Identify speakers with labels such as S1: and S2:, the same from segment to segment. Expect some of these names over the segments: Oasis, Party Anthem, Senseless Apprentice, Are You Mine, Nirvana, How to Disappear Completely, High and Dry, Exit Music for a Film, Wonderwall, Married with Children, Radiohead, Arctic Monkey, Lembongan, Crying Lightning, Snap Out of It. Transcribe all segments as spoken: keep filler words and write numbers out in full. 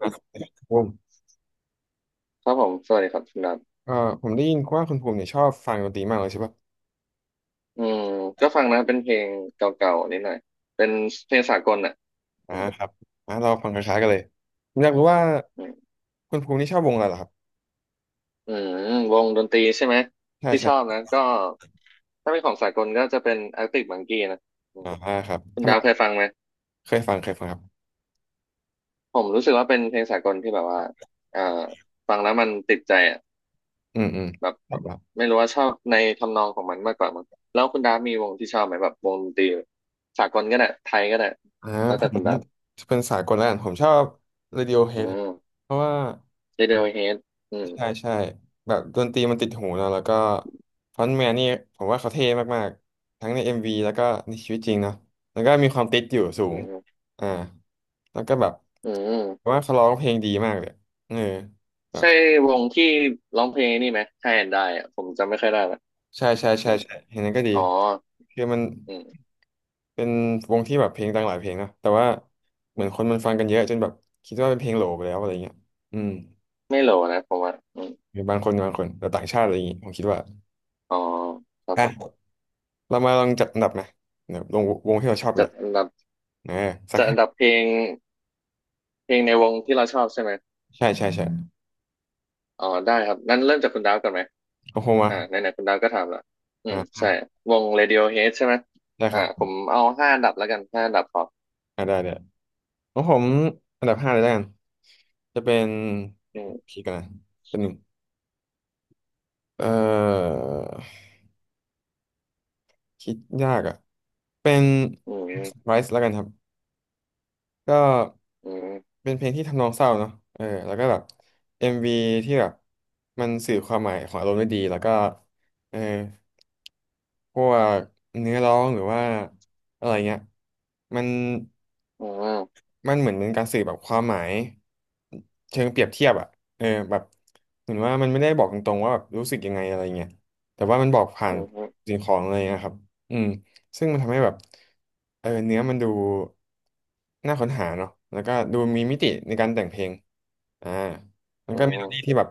S1: อ่ะคุณภูมิ
S2: ครับผมสวัสดีครับคุณดัท
S1: เอ่อผมได้ยินว่าคุณภูมิเนี่ยชอบฟังดนตรีมากเลยใช่ปะ
S2: อืมก็ฟังนะเป็นเพลงเก่าๆนิดหน่อยเป็นเพลงสากลอ่ะ
S1: อ่า
S2: อืม
S1: ครับอ่าเราฟังคล้ายๆกันเลยผมอยากรู้ว่า
S2: อืม
S1: คุณภูมินี่ชอบวงอะไรเหรอครับ
S2: อืมวงดนตรีใช่ไหม
S1: ใช่
S2: ที่ช
S1: ใช่
S2: อบนะก็ถ้าเป็นของสากลก็จะเป็น Arctic Monkey นะอื
S1: อ่
S2: ม
S1: าครับ
S2: คุณ
S1: ทำ
S2: ดา
S1: ไม
S2: วเคยฟังไหม
S1: เคยฟังเคยฟังครับ
S2: ผมรู้สึกว่าเป็นเพลงสากลที่แบบว่าเอ่อฟังแล้วมันติดใจอ่ะ
S1: อืมอืม
S2: แบบ
S1: ครับครับ
S2: ไม่รู้ว่าชอบในทำนองของมันมากกว่ามั้งแล้วคุณดาฟมีวงที่ชอบไหมแบบวงดนตรีสากลก็ได้ไทยก็ได้
S1: อ่า
S2: แล้ว
S1: ผ
S2: แต่
S1: ม
S2: คุณดาว
S1: จะเป็นสายกลแล้วกันผมชอบ
S2: อื
S1: Radiohead
S2: ม
S1: เพราะว่า
S2: Radiohead อืม
S1: ใช่ใช่แบบดนตรีมันติดหูเนะแล้วก็ฟรอนต์แมนนี่ผมว่าเขาเท่มากๆทั้งใน เอ็ม วี แล้วก็ในชีวิตจริงเนาะแล้วก็มีความติดอยู่สู
S2: อื
S1: ง
S2: ม
S1: อ่าแล้วก็แบบ
S2: อื
S1: ผม
S2: ม
S1: ว่าเขาร้องเพลงดีมากเลยเออแบบ
S2: ใช่วงที่ร้องเพลงนี่ไหมใช่ได้อะผมจำไม่ค่อยได้ละ
S1: ใช่ใช่
S2: อื
S1: ใช่
S2: ม
S1: ใช่เห็นนั้นก็ดี
S2: อ๋อ
S1: คือมัน
S2: อืม
S1: เป็นวงที่แบบเพลงดังหลายเพลงเนอะแต่ว่าเหมือนคนมันฟังกันเยอะจนแบบคิดว่าเป็นเพลงโหลไปแล้วอะไรเงี้ยอืม
S2: ไม่โหลนะผมว่าอืม
S1: หรือบางคนบางคนแต่ต่างชาติอะไรอย่างงี้ผมคิดว่า
S2: อ๋อครับ
S1: อ่ะ
S2: ผม
S1: เรามาลองจัดอันดับไหมเนี่ยลงวงที่เราชอบไป
S2: จัด
S1: ละ
S2: อันดับ
S1: นะสัก
S2: จัดอั
S1: ห้า
S2: นดับเพลงเพลงในวงที่เราชอบใช่ไหม
S1: ใช่ใช่ใช่
S2: อ๋อได้ครับงั้นเริ่มจากคุณดาวก่อนไหม
S1: ของผมมา
S2: อ่าไหนๆคุณดาวก็ถามละอืม
S1: อ่า
S2: ใช่วง Radiohead ใช่ไหม
S1: ได้ค
S2: อ่า
S1: รั
S2: ผม
S1: บ
S2: เอาห้าอันดับแล้วกันห้าอันดับครับ
S1: อ่าได้ได้ของผมอันดับห้าเลยแล้วกันจะเป็น
S2: อืม
S1: คิดกันนะเป็นหนึ่งเอ่อคิดยากอ่ะเป็น
S2: อืม
S1: Rise แล้วกันครับก็
S2: อืม
S1: เป็นเพลงที่ทำนองเศร้าเนาะเออแล้วก็แบบ เอ็ม วี ที่แบบมันสื่อความหมายของอารมณ์ได้ดีแล้วก็เออ พวกเนื้อร้องหรือว่าอะไรเงี้ยมัน
S2: อืม
S1: มันเหมือนเป็นการสื่อแบบความหมายเชิงเปรียบเทียบอ่ะเออแบบเหมือนว่ามันไม่ได้บอกตรงๆว่าแบบรู้สึกยังไงอะไรเงี้ยแต่ว่ามันบอกผ่า
S2: อื
S1: น
S2: มอืม
S1: สิ่งของอะไรเงี้ยครับอืมซึ่งมันทำให้แบบเออเนื้อมันดูน่าค้นหาเนาะแล้วก็ดูมีมิติในการแต่งเพลงอ่ามัน
S2: อื
S1: ก็เมโลดี้ที่
S2: ม
S1: แบบ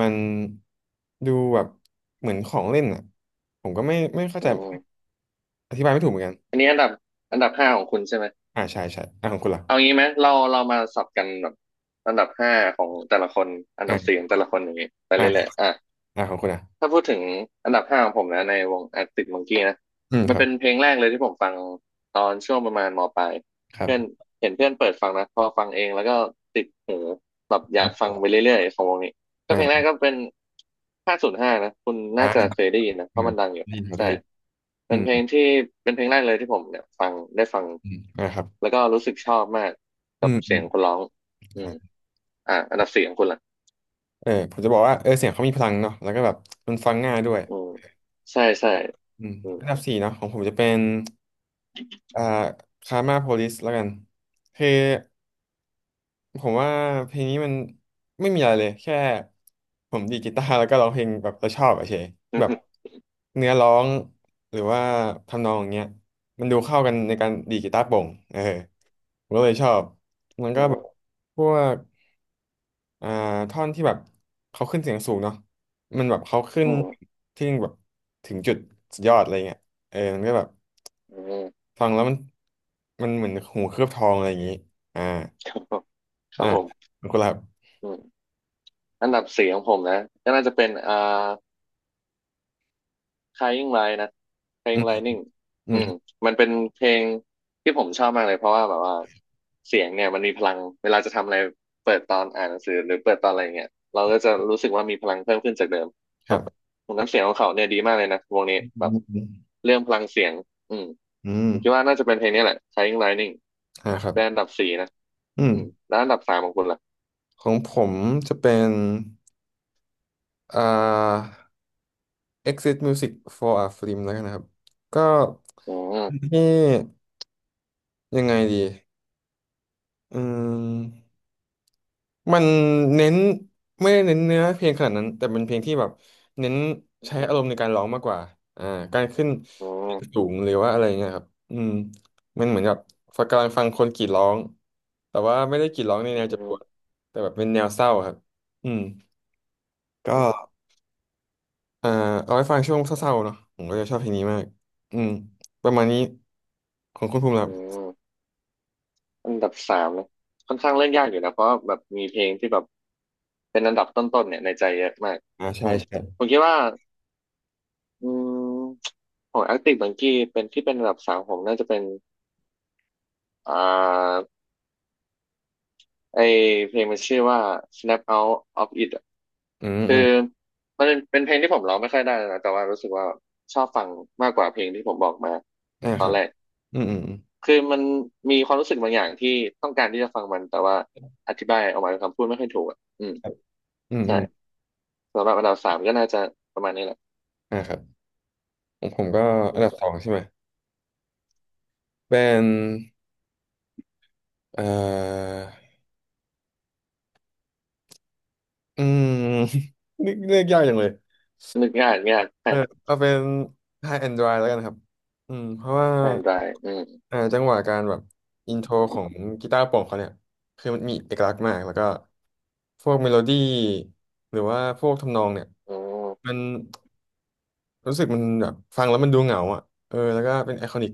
S1: มันดูแบบเหมือนของเล่นอ่ะผมก็ไม่ไม่เข้า
S2: อื
S1: ใจ
S2: ม
S1: อธิบายไม่ถูกเหมือนกัน
S2: อันนี้อันดับอันดับห้าของคุณใช่ไหม
S1: อ่าใช่ใช่อ่าของคุณล่ะ
S2: เอางี้ไหมเราเรามาสับกันแบบอันดับห้าของแต่ละคนอันดับสี่
S1: อ่า
S2: ของแต่ละคนอย่างงี้ไป
S1: อ่า
S2: เรื่อยๆอ่ะ
S1: อ่าของคุณอ่ะ
S2: ถ้าพูดถึงอันดับห้าของผมนะในวง Arctic Monkey นะ
S1: อืม
S2: มั
S1: ค
S2: น
S1: รับ
S2: เป็นเพลงแรกเลยที่ผมฟังตอนช่วงประมาณมปลาย
S1: ครั
S2: เพื่อน
S1: บ
S2: เห็นเพื่อนเปิดฟังนะพอฟังเองแล้วก็ติดหูแบบอ
S1: อื
S2: ยากฟั
S1: ม
S2: งไปเรื่อยๆของวงนี้ก็เพลงแรก
S1: อ่า
S2: ก็เป็นห้าศูนย์ห้านะคุณ
S1: อ่า
S2: น่าจะเคยได้ยินนะเพราะ
S1: อ่า
S2: มันดังอยู่
S1: ได้ยินครับได้
S2: ใช่
S1: ยินอื
S2: เป็น
S1: ม
S2: เพลงที่เป็นเพลงแรกเลยที่ผมเนี่ยฟังได้ฟัง
S1: อืมอ่าครับ
S2: แล้วก็รู้สึกชอบมาก
S1: อื
S2: กับ
S1: มอื
S2: เสีย
S1: ม
S2: งคนร้องอืม
S1: อ่า
S2: อ่าอันดับสี่ของคุณล่ะ
S1: เออผมจะบอกว่าเออเสียงเขามีพลังเนาะแล้วก็แบบมันฟังง่ายด้วย
S2: อืมใช่ใช่
S1: อืม
S2: อืม
S1: อันดับสี่เนาะของผมจะเป็นอ่าคาร์มาโพลิสแล้วกันคือ ผมว่าเพลงนี้มันไม่มีอะไรเลยแค่ผมดีดกีตาร์แล้วก็ร้องเพลงแบบเราชอบอะเฉยแบบเนื้อร้องหรือว่าทำนองอย่างเงี้ยมันดูเข้ากันในการดีดกีตาร์โปร่งเออผมก็เลยชอบมันก็แบบ พวกอ่าท่อนที่แบบเขาขึ้นเสียงสูงเนาะมันแบบเขาขึ้น
S2: อืม
S1: ที่แบบถึงจุดสุดยอดอะไรเงี้ยเออมันก็แบบ
S2: อืม
S1: ฟังแล้วมันมันเหมือนหูเคลือบทองอะไรอย่างงี้อ่า
S2: ครับผมค
S1: อ่า
S2: รับผม
S1: ขอบคุณครับ
S2: อืมอันดับสี่ของผมนะก็น่าจะเป็นอ่า Crying Light นะ
S1: อืม
S2: Crying Lightning
S1: อืม
S2: อืมมันเป็นเพลงที่ผมชอบมากเลยเพราะว่าแบบว่าเสียงเนี่ยมันมีพลังเวลาจะทำอะไรเปิดตอนอ่านหนังสือหรือเปิดตอนอะไรเงี้ยเราก็จะรู้สึกว่ามีพลังเพิ่มขึ้นจากเดิม
S1: ค
S2: แบ
S1: รั
S2: บ
S1: บ
S2: น้ำเสียงของเขาเนี่ยดีมากเลยนะวงนี้
S1: อื
S2: แบบ
S1: ม
S2: เรื่องพลังเสียงอืม
S1: อืม
S2: ผมคิดว่าน่าจะเป็นเพลงนี้แหละ Crying Lightning
S1: อ่าครั
S2: เป็น
S1: บ
S2: อันดับสี่นะ
S1: อื
S2: อืม
S1: ม
S2: แล้วอันดับสามของคุณล่ะ
S1: ของผมจะเป็นอ่า Exit Music for a Film แล้วกันนะครับก็
S2: อืม
S1: ที่ยังไงดีอืมมันเน้นไม่ได้เน้นเนื้อเพลงขนาดนั้นแต่เป็นเพลงที่แบบเน้นใช้อารมณ์ในการร้องมากกว่าอ่าการขึ้น
S2: อื
S1: เสย
S2: ม
S1: งสูงหรือว่าอะไรเงี้ยครับอืมมันเหมือนกับฟังกำลังฟังคนกรีดร้องแต่ว่าไม่ได้กรีดร้องใน
S2: อื
S1: แนวเจ็บป
S2: ม
S1: วดแต่แบบเป็นแนวเศร้าครับอืม
S2: อื
S1: ก็
S2: ม
S1: อ่าเอาไว้ฟังช่วงเศร้าๆเนาะผมก็จะชอบเพลงนี้มากอืมประมาณนี้ของคุณภูมิค
S2: อื
S1: รับ
S2: มอันดับสามนะค่อนข้างเล่นยากอยู่นะเพราะแบบมีเพลงที่แบบเป็นอันดับต้นๆเนี่ยในใจเยอะมาก
S1: อ่า
S2: อื
S1: ใช่
S2: ม
S1: ใช่
S2: ผมคิดว่าอืมของ Arctic Monkey เป็นที่เป็นอันดับสามผมน่าจะเป็นอ่าไอเพลงมันชื่อว่า Snap Out of It อะ
S1: อืม
S2: คื
S1: อื
S2: อ
S1: ม
S2: มันเป็นเพลงที่ผมร้องไม่ค่อยได้นะแต่ว่ารู้สึกว่าชอบฟังมากกว่าเพลงที่ผมบอกมา
S1: อ่าครับอืมอืมอืม
S2: คือมันมีความรู้สึกบางอย่างที่ต้องการที่จะฟังมันแต่ว่าอธิบายออกมาเป็นคำพูดไม่ค่อยถูกอ่ะอืม
S1: ครับอืม
S2: ใช่
S1: อืม
S2: สำหรับอันดับสามก็น่าจะประมาณนี้แหละ
S1: อ่าครับผมผมก็
S2: อื
S1: อันดั
S2: ม
S1: บสองใช่ไหมเป็นเอ่ออืม นึกเลือกยากจังเลย
S2: นึกง่ายนึกง่ายแฟ
S1: เออ
S2: น
S1: เอาเป็น High and Dry แล้วกันครับอืมเพราะว่า
S2: แฟนรายอืม
S1: อ่าจังหวะการแบบอินโทรของกีตาร์โปร่งเขาเนี่ยคือมันมีเอกลักษณ์มากแล้วก็พวกเมโลดี้หรือว่าพวกทำนองเนี่ย
S2: อืม
S1: มันรู้สึกมันแบบฟังแล้วมันดูเหงาอ่ะเออแล้วก็เป็นไอคอนิก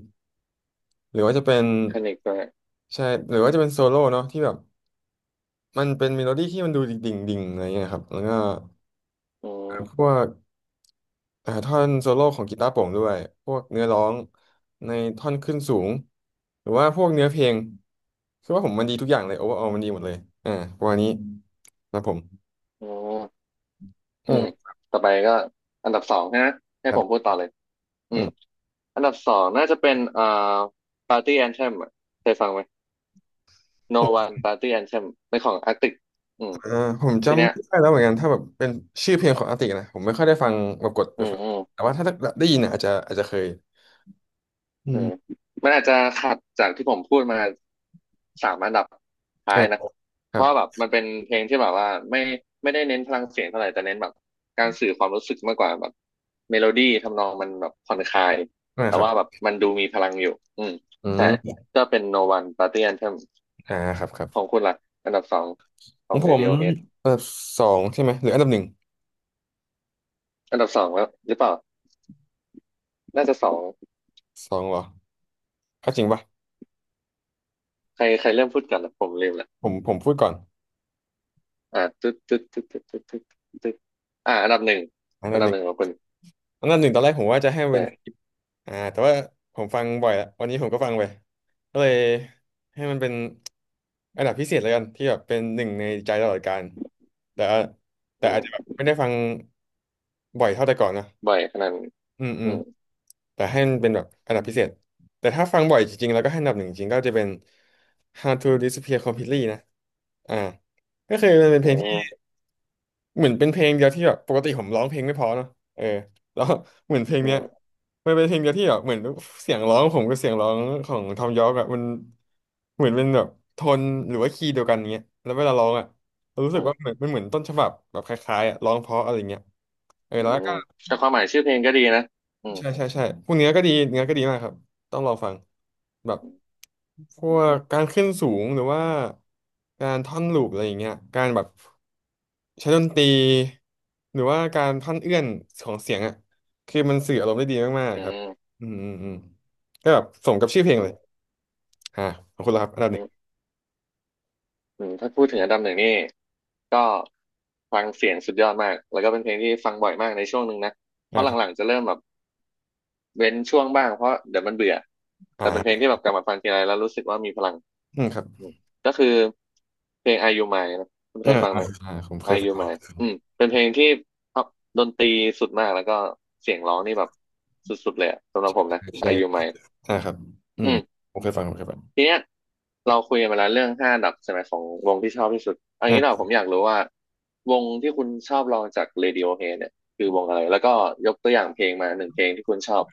S1: หรือว่าจะเป็น
S2: คนิกด้วย
S1: ใช่หรือว่าจะเป็นโซโล่เนาะที่แบบมันเป็นเมโลดี้ที่มันดูดิ่งดิ่งอะไรเงี้ยครับแล้วก็
S2: อื
S1: พว
S2: ม
S1: กอ่าท่อนโซโล่ของกีตาร์โปร่งด้วยพวกเนื้อร้องในท่อนขึ้นสูงหรือว่าพวกเนื้อเพลงคือว่าผมมันดีทุกอย่างเลยโอเวอร์ออมันดีหมดเลยอ่าประมาณนี้นะผม
S2: อืม
S1: อื
S2: อืม
S1: ม
S2: ต่อไปก็อันดับสองนะให้
S1: ครั
S2: ผม
S1: บ
S2: พูดต่อเลยอื
S1: อื
S2: ม
S1: ม
S2: อันดับสองน่าจะเป็นเอ่อ Party Anthem อะเคยฟังไหม No One Party Anthem เป็นของ Arctic อืม
S1: อ่าผมจ
S2: ทีเนี้ย
S1: ำไม่ได้แล้วเหมือนกันถ้าแบบเป็นชื่อเพลงของอาตินะผมไม่ค่อยได้ฟังแบบกดไป
S2: อืม
S1: ฟัง
S2: อืม
S1: แต่ว่าถ้าได้ยินเนี่ยอาจจะอาจจะเคยอื
S2: อืม
S1: ม
S2: มันอาจจะขัดจากที่ผมพูดมาสามอันดับท้า
S1: อ่า
S2: ยนะ
S1: ค
S2: เพ
S1: รับ
S2: ราะแบบมันเป็นเพลงที่แบบว่าไม่ไม่ได้เน้นพลังเสียงเท่าไหร่แต่เน้นแบบการสื่อความรู้สึกมากกว่าแบบเมโลดี้ทำนองมันแบบผ่อนคลาย
S1: อ่า
S2: แต่
S1: ครั
S2: ว่าแบ
S1: บ
S2: บมันดูมีพลังอยู่อืม
S1: อื
S2: ใช่
S1: ม
S2: ก็เป็น No One Party Anthem
S1: อ่าครับครั
S2: ขอ
S1: บ
S2: งคุณล่ะอันดับสองข
S1: ข
S2: อ
S1: อ
S2: ง
S1: งผมอัน
S2: Radiohead
S1: ดับสองใช่ไหมหรืออันดับหนึ่ง
S2: อันดับสองแล้วหรือเปล่าน่าจะสอง
S1: สองเหรอถ้าจริงปะ
S2: ใครใครเริ่มพูดกันล่ะผมลืมละ
S1: ผมผมพูดก่อน
S2: อ่าตึ๊ดตึ๊ดตึ๊ดตึ๊ดตึ๊ดตึ๊ดตึ๊ดอ่าอันดับหนึ่ง
S1: อัน
S2: อั
S1: ดั
S2: น
S1: บ
S2: ดั
S1: ห
S2: บ
S1: นึ่
S2: ห
S1: ง
S2: นึ่งของคุณ
S1: อันดับหนึ่งตอนแรกผมว่าจะให้มันเป็
S2: ใช่
S1: นคลิป
S2: ก
S1: อ่าแต่ว่าผมฟังบ่อยละวันนี้ผมก็ฟังไปก็เลยให้มันเป็นอันดับพิเศษแล้วกันที่แบบเป็นหนึ่งในใจตลอดกาลแต่ว่าแต่
S2: อื
S1: อาจจะแบบ
S2: ม
S1: ไม่ได้ฟังบ่อยเท่าแต่ก่อนนะ
S2: บ่อยขนาดนั้น
S1: อืมอื
S2: อื
S1: ม
S2: ม
S1: แต่ให้มันเป็นแบบอันดับพิเศษแต่ถ้าฟังบ่อยจริงๆแล้วก็ให้อันดับหนึ่งจริงๆก็จะเป็น How to Disappear Completely นะอ่าก็คือมันเป็น
S2: อื
S1: เพลง
S2: ม
S1: เหมือนเป็นเพลงเดียวที่แบบปกติผมร้องเพลงไม่เพอเนาะเออแล้ว เหมือนเพลง
S2: อื
S1: เนี้ย
S2: ม
S1: มันเป็นเพลงเดียวที่แบบเหมือนเสียงร้องผมกับเสียงร้องของทอมยอร์กอะมันเหมือนเป็นแบบโทนหรือว่าคีย์เดียวกันเงี้ยแล้วเวลาร้องอะเรารู้
S2: อื
S1: สึกว่าเห
S2: ม
S1: มือนมันเหมือนต้นฉบับแบบคล้ายๆอะร้องเพราะอะไรเงี้ยเออ
S2: อื
S1: แล้ว
S2: ม
S1: ก็
S2: แต่ความหมายชื่อเพลงก็ดีนะอืม
S1: ใช่ใช่ใช่พวกเนื้อก็ดีเนื้อก็ดีมากครับต้องลองฟังแบบพวกการขึ้นสูงหรือว่าการท่อนลูปอะไรอย่างเงี้ยการแบบ ใช้ดนตรีหรือว่าการพันเอื้อนของเสียงอ่ะคือมันสื่ออารมณ์ได้ดีมาก
S2: อื
S1: ๆครับ
S2: ม
S1: อืมอืมอืมก็แบบสมกับชื่อเพลง
S2: อื
S1: เลย
S2: ม
S1: อ่าขอบคุณแล้วครับอั
S2: อื
S1: นดับหนึ่ง
S2: มอืมถ้าพูดถึงอันดับหนึ่งนี่ก็ฟังเสียงสุดยอดมาก แล้วก็เป็นเพลงที่ฟังบ่อยมากในช่วงหนึ่งนะ เพ
S1: อ่า
S2: ราะ
S1: ครั
S2: หลัง
S1: บ
S2: ๆจะเริ่มแบบเว้นช่วงบ้างเพราะเดี๋ยวมันเบื่อ แต่เป็นเพลง
S1: อ่า
S2: ที่แบบกลับมาฟังทีไรแล้วรู้สึกว่ามีพลัง
S1: อืมครับ
S2: อืมก็คือเพลง Are You Mine นะคุณเค
S1: อ่า
S2: ยฟัง
S1: อ่า
S2: ไหม
S1: อ่าผมเคย
S2: Are You
S1: ฟัง
S2: Mine อืมเป็นเพลงที่เอาดนตรีสุดมากแล้วก็เสียงร้องนี่แบบสุดๆเลยอะสำหรับผมนะ
S1: ใช่
S2: Are You Mine
S1: อ่าครับอื
S2: อื
S1: ม
S2: ม
S1: ผมเคยฟังผมเคยฟัง
S2: ทีเนี้ยเราคุยกันมาแล้วเรื่องห้าอันดับใช่ไหมของวงที่ชอบที่สุดอัน
S1: อ่
S2: นี้เรา
S1: า
S2: ผมอยากรู้ว่าวงที่คุณชอบลองจาก Radiohead เนี่ยคือวงอะไรแล้วก็ยกตัวอย่างเพลงมาหนึ่งเพลงที่คุณชอบ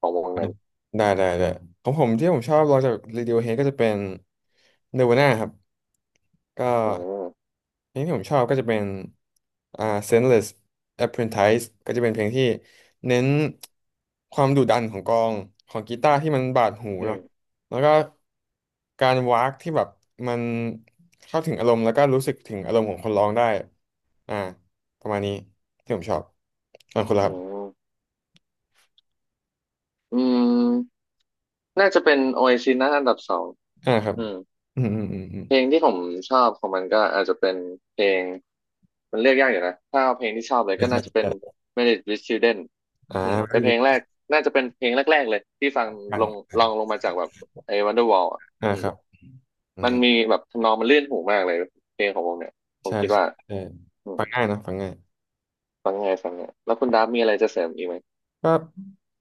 S2: ของวงนั้น
S1: ได้ได้ได้ของผมที่ผมชอบลองจาก Radiohead ก็จะเป็น Nirvana ครับก็
S2: อืม
S1: เพลงที่ผมชอบก็จะเป็นอ่า Senseless Apprentice ก็จะเป็นเพลงที่เน้นความดุดันของกลองของกีตาร์ที่มันบาดหู
S2: อื
S1: เนาะ
S2: ม
S1: แล้วก็การวากที่แบบมันเข้าถึงอารมณ์แล้วก็รู้สึกถึงอารมณ์ของคนร้องได้อ่าประมาณนี้ที่ผมชอบอ่าคุณละค
S2: อื
S1: รับ
S2: มอืมน่าจะเป็น Oasis นะอันดับสอง
S1: อ่าครับ
S2: อืม
S1: อืมอืมอืมอืม
S2: เพลงที่ผมชอบของมันก็อาจจะเป็นเพลงมันเลือกยากอยู่นะถ้าเอาเพลงที่ชอบเลย
S1: ใช่
S2: ก็
S1: ใช่
S2: น่าจะเป็น
S1: ใช่
S2: Married with Children
S1: อ่า
S2: อืม
S1: ก็
S2: เป็น
S1: อ
S2: เพ
S1: ยู้
S2: ลงแรกน่าจะเป็นเพลงแรกๆเลยที่ฟัง
S1: ฟัง
S2: ลงลองลงมาจากแบบไอ้ Wonderwall อ่ะ
S1: อ่า
S2: อื
S1: ค
S2: ม
S1: รับอื
S2: มั
S1: ม
S2: นมีแบบทำนองมันลื่นหูมากเลยเพลงของวงเนี่ยผม
S1: ใช่
S2: คิด
S1: ใช่
S2: ว่า
S1: ใช่
S2: อืม
S1: ฟังง่ายเนอะฟังง่าย
S2: ฟังไงฟังเนี่ยแล้วคุณดับมีอะไรจะเสริมอีกไหม
S1: ก็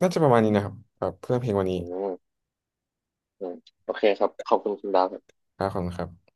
S1: น่าจะประมาณนี้นะครับแบบเพื่อเพลงวันนี้
S2: อืมอืมโอเคครับขอบคุณคุณดับ
S1: ครับขอบคุณครับ